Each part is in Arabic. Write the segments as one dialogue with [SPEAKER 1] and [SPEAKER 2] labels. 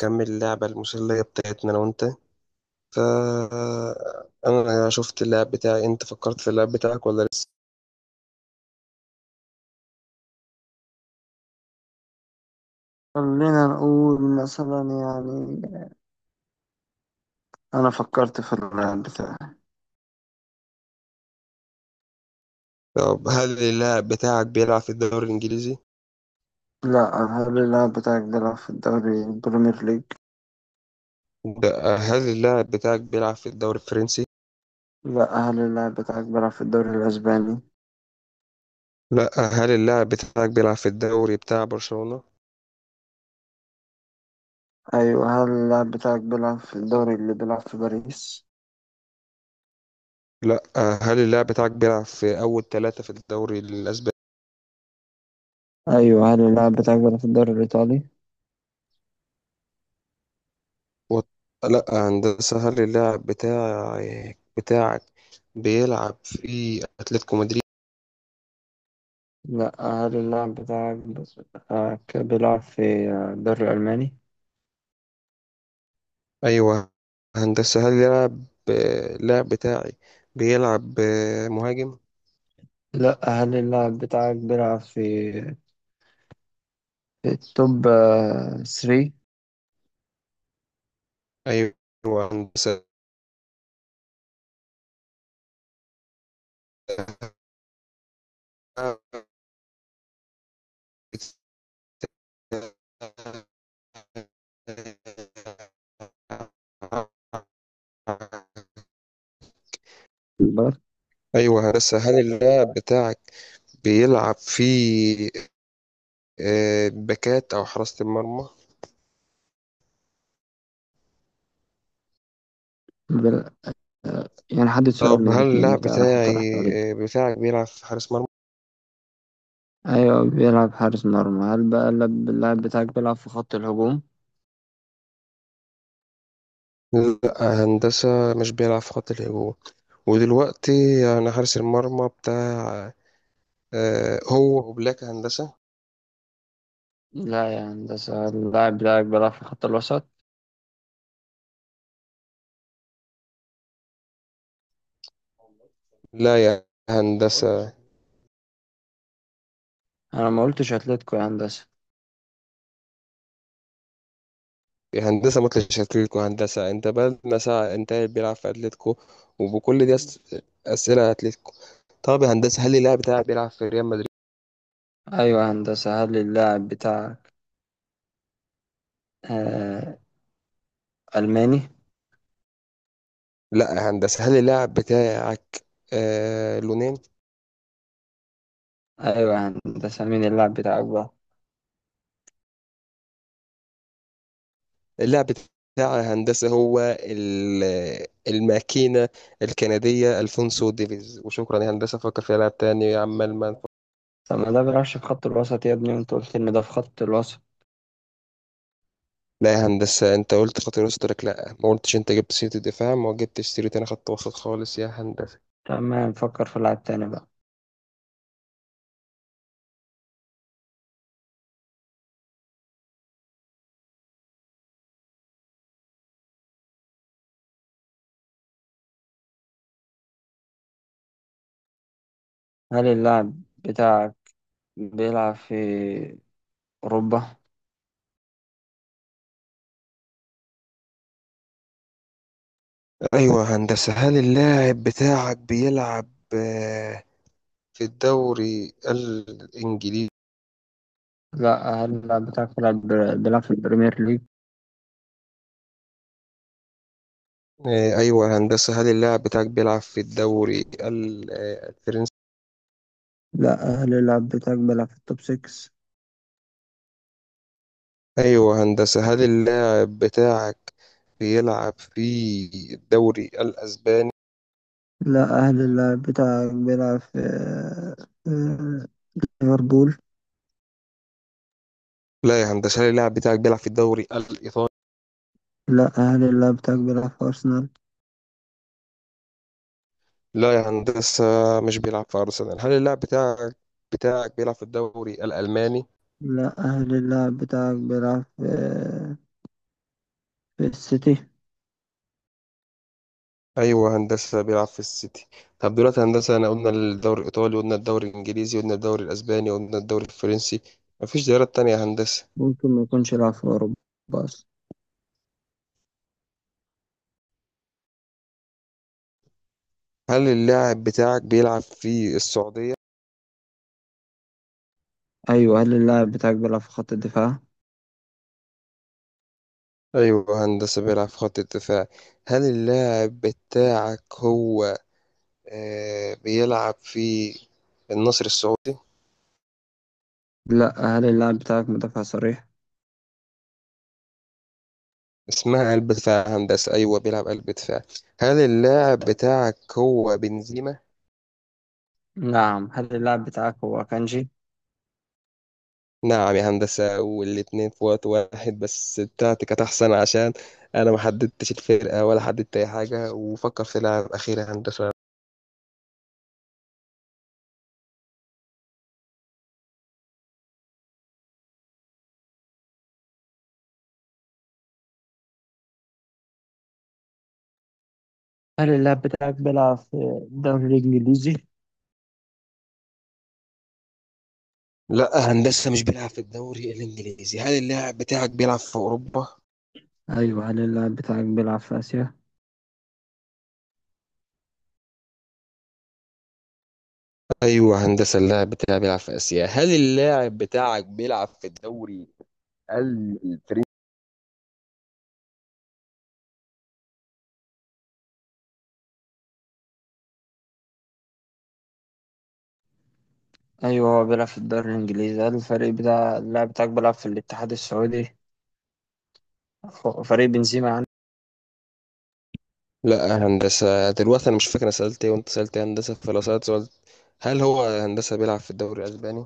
[SPEAKER 1] كمل اللعبة المسلية بتاعتنا أنا وأنت. فأنا شفت اللعب بتاعي، أنت فكرت في اللعب بتاعك ولا لسه؟
[SPEAKER 2] خلينا نقول مثلا انا فكرت في اللاعب بتاعي.
[SPEAKER 1] طب هل اللاعب بتاعك بيلعب في الدوري الإنجليزي؟
[SPEAKER 2] لا، هل اللاعب بتاعك بيلعب في الدوري البريمير ليج؟
[SPEAKER 1] لأ. هل اللاعب بتاعك بيلعب في الدوري الفرنسي؟
[SPEAKER 2] لا، هل اللاعب بتاعك بيلعب في الدوري الاسباني؟
[SPEAKER 1] لأ. هل اللاعب بتاعك بيلعب في الدوري بتاع برشلونة؟
[SPEAKER 2] ايوه، هل اللاعب بتاعك بيلعب في الدوري اللي بيلعب في باريس؟
[SPEAKER 1] لأ. هل اللاعب بتاعك بيلعب في أول ثلاثة في الدوري الأسباني؟
[SPEAKER 2] ايوه، هل اللاعب بتاعك بيلعب في الدوري الايطالي؟
[SPEAKER 1] و- لأ هندسة، هل اللاعب بتاعك بيلعب في أتلتيكو مدريد؟
[SPEAKER 2] لا، هل اللاعب بتاعك بيلعب في الدوري الالماني؟
[SPEAKER 1] ايوه هندسة. هل يلعب اللاعب بتاعي بيلعب مهاجم.
[SPEAKER 2] لا، هل اللاعب بتاعك بيلعب في التوب 3؟
[SPEAKER 1] ايوه هندسة. ايوه هندسة، هل اللاعب بتاعك بيلعب في باكات او حراسة المرمى؟
[SPEAKER 2] يعني حدد سؤال من
[SPEAKER 1] طب هل
[SPEAKER 2] الاتنين
[SPEAKER 1] اللاعب
[SPEAKER 2] انت
[SPEAKER 1] بتاعي
[SPEAKER 2] هتطرح عليه.
[SPEAKER 1] آه، بتاعك بيلعب في حارس مرمى؟
[SPEAKER 2] ايوه بيلعب حارس مرمى، هل بقى اللاعب بتاعك بيلعب في خط الهجوم؟
[SPEAKER 1] لا هندسة، مش بيلعب في خط الهجوم. ودلوقتي يعني حارس المرمى بتاع هو وبلاك هندسة.
[SPEAKER 2] لا يا هندسة، اللاعب بتاعك بيلعب في خط الوسط.
[SPEAKER 1] لا يا هندسة.
[SPEAKER 2] انا ما قلتش اتلتيكو يا هندسة.
[SPEAKER 1] يا هندسة ما تطلعش أتلتيكو. هندسة أنت بقالنا ساعة أنت قاعد بيلعب في أتلتيكو، وبكل أسئلة أتلتيكو. طب يا هندسة هل اللاعب بتاعك بيلعب في ريال مدريد؟
[SPEAKER 2] ايوه يا هندسة، هل اللاعب بتاعك آه الماني؟
[SPEAKER 1] لا يا هندسة. هل اللاعب بتاعك لونين؟
[SPEAKER 2] ايوه يا هندسة، مين اللاعب بتاعك بقى؟
[SPEAKER 1] اللاعب بتاع هندسة هو الماكينة الكندية ألفونسو ديفيز، وشكرا يا هندسة. فكر في لاعب تاني عمال ما
[SPEAKER 2] طب ما ده بيلعبش في خط الوسط يا ابني، وانت قلت ان ده في خط الوسط.
[SPEAKER 1] لا يا هندسة. انت قلت خط الوسط، قلت لك لا، ما قلتش انت جبت سيرة الدفاع، ما جبتش سيرة، انا خط وسط خالص يا هندسة.
[SPEAKER 2] تمام، نفكر في لاعب تاني بقى. هل اللاعب بتاعك بيلعب في اوروبا؟
[SPEAKER 1] ايوه يا هندسة، هل اللاعب بتاعك بيلعب آه، في الدوري الانجليزي؟
[SPEAKER 2] لا، هل اللاعب بتاعك بيلعب في البريمير ليج؟
[SPEAKER 1] ايوه يا هندسة. هل اللاعب بتاعك بيلعب في الدوري الفرنسي؟
[SPEAKER 2] لا، هل اللاعب بتاعك بيلعب في التوب 6؟
[SPEAKER 1] ايوه يا هندسة. هل اللاعب بتاعك بيلعب في الدوري الاسباني؟
[SPEAKER 2] لا، هل اللاعب بتاعك بيلعب في آه، ليفربول؟
[SPEAKER 1] لا يا هندسة. هل اللاعب بتاعك بيلعب في الدوري الايطالي؟
[SPEAKER 2] لا، هل اللاعب بتاعك بيلعب في أرسنال؟
[SPEAKER 1] لا يا هندسة، مش بيلعب في أرسنال. هل اللاعب بتاعك بيلعب في الدوري الألماني؟
[SPEAKER 2] لا، هل اللاعب بتاعك بيلعب في في السيتي؟
[SPEAKER 1] أيوة هندسة، بيلعب في السيتي. طب دلوقتي هندسة، أنا قلنا الدوري الإيطالي، قلنا الدوري الإنجليزي، قلنا الدوري الأسباني، قلنا الدوري الفرنسي. مفيش دوريات تانية يا هندسة.
[SPEAKER 2] ممكن ما يكونش لاعب في أوروبا أصلا.
[SPEAKER 1] هل اللاعب بتاعك بيلعب في السعودية؟
[SPEAKER 2] أيوة، هل اللاعب بتاعك بيلعب في خط الدفاع؟
[SPEAKER 1] أيوة هندسة، بيلعب في خط الدفاع. هل اللاعب بتاعك هو بيلعب في النصر السعودي؟
[SPEAKER 2] لا، هل اللاعب بتاعك مدافع صريح؟
[SPEAKER 1] اسمها قلب دفاع يا هندسة، أيوة بيلعب قلب دفاع. هل اللاعب بتاعك هو بنزيما؟
[SPEAKER 2] نعم، هل اللاعب بتاعك هو كانجي؟
[SPEAKER 1] نعم يا هندسة، والاتنين في وقت واحد، بس بتاعتي كانت أحسن عشان أنا ما حددتش الفرقة ولا حددت أي حاجة. وفكر في لاعب أخير يا هندسة.
[SPEAKER 2] هل اللاعب بتاعك بيلعب في الدوري الإنجليزي؟
[SPEAKER 1] لا هندسة، مش بيلعب في الدوري الإنجليزي. هل اللاعب بتاعك بيلعب في أوروبا؟
[SPEAKER 2] ايوه، هل اللاعب بتاعك بيلعب في اسيا؟
[SPEAKER 1] أيوة هندسة، اللاعب بتاعي بيلعب في آسيا. هل اللاعب بتاعك بيلعب في الدوري ال-
[SPEAKER 2] أيوه هو بيلعب في الدوري الإنجليزي، هل الفريق بتاع اللاعب بتاعك بيلعب في الاتحاد السعودي؟ فريق بنزيما يعني.
[SPEAKER 1] لا هندسة، دلوقتي أنا مش فاكر أنا سألت إيه وأنت سألت إيه يا هندسة. فلو سألت سؤال، هل هو هندسة بيلعب في الدوري الأسباني؟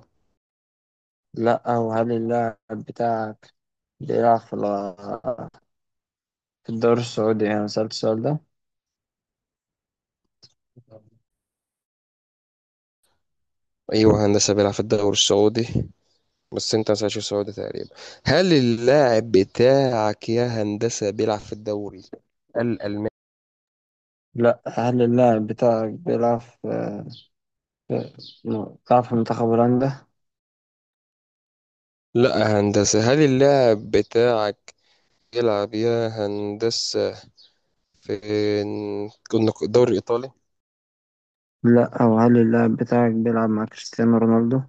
[SPEAKER 2] لأ، وهل اللاعب بتاعك بيلعب في في الدوري السعودي؟ أنا سألت السؤال ده.
[SPEAKER 1] أيوه هندسة، بيلعب في الدوري السعودي، بس أنت ما سألتش السعودي تقريبا. هل اللاعب بتاعك يا هندسة بيلعب في الدوري الألماني؟
[SPEAKER 2] لأ، هل اللاعب بتاعك بيلعب في- بيلعب في منتخب هولندا؟
[SPEAKER 1] لا هندسة. هل اللاعب بتاعك يلعب يا هندسة في كنا الدوري الإيطالي؟
[SPEAKER 2] لا، او هل اللاعب بتاعك بيلعب مع كريستيانو رونالدو؟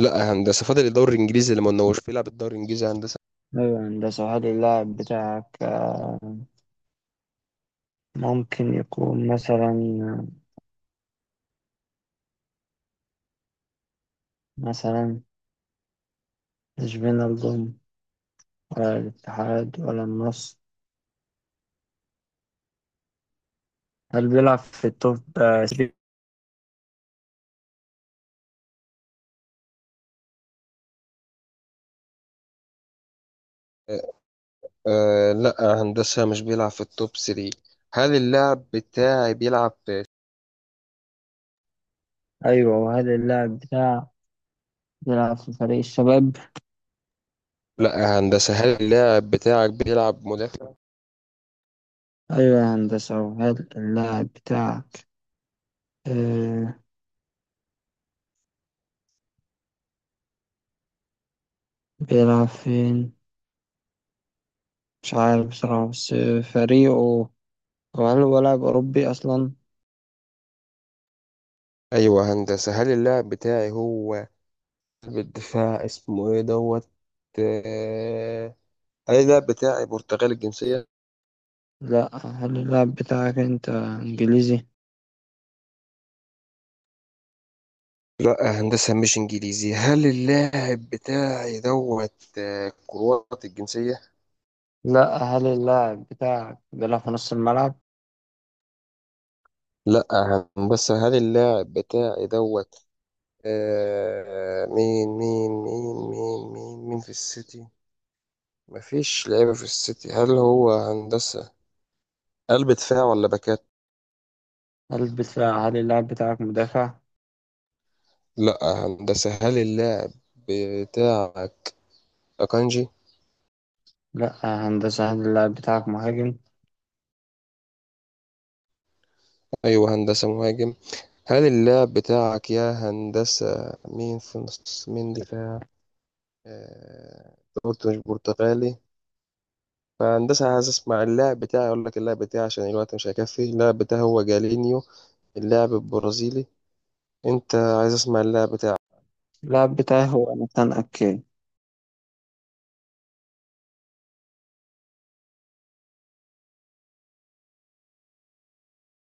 [SPEAKER 1] لا هندسة، فاضل الدوري الإنجليزي اللي ما قلناهوش بيلعب الدوري الإنجليزي يا هندسة.
[SPEAKER 2] أيوة يا هندسة، هل اللاعب بتاعك ممكن يكون، مثلا، مش بين الظلم ولا الاتحاد ولا النصر؟ هل بيلعب في التوب 3؟
[SPEAKER 1] آه لا هندسة، مش بيلعب في التوب 3. هل اللاعب بتاعي بيلعب
[SPEAKER 2] أيوة، وهل اللاعب بتاعك بيلعب في فريق الشباب؟ لا.
[SPEAKER 1] لا يا هندسة. هل اللاعب بتاعك بيلعب مدافع؟
[SPEAKER 2] أيوة يا هندسة، وهل اللاعب بتاعك آه بيلعب فين؟ مش عارف بصراحة بس فريقه، وهل هو لاعب أوروبي أصلا؟
[SPEAKER 1] أيوة يا هندسة. هل اللاعب بتاعي هو بالدفاع اسمه إيه دوت آه، هل اللاعب بتاعي برتغالي الجنسية؟
[SPEAKER 2] لا، هل اللاعب بتاعك أنت إنجليزي؟
[SPEAKER 1] لا يا هندسة، مش إنجليزي. هل اللاعب بتاعي دوت كرواتي الجنسية؟
[SPEAKER 2] لا، هل اللاعب بتاعك بيلعب في نص الملعب؟
[SPEAKER 1] لا يا هندسة. هل اللاعب بتاعي دوت مين في السيتي؟ مفيش لعيبة في السيتي. هل هو هندسة قلب دفاع ولا باك؟
[SPEAKER 2] هل اللاعب بتاعك مدافع؟
[SPEAKER 1] لا هندسة. هل اللاعب بتاعك أكانجي؟
[SPEAKER 2] لا هندسة، هل اللاعب بتاعك مهاجم؟
[SPEAKER 1] أيوه هندسة، مهاجم. هل اللاعب بتاعك يا هندسة مين في نص مين دفاع؟ أنت قلت مش برتغالي. فهندسة عايز أسمع اللاعب بتاعي، أقول لك اللاعب بتاعي عشان الوقت مش هيكفي. اللاعب بتاعي هو جالينيو اللاعب البرازيلي. أنت عايز أسمع اللاعب بتاعك؟
[SPEAKER 2] اللاعب بتاعي هو نتان أكي.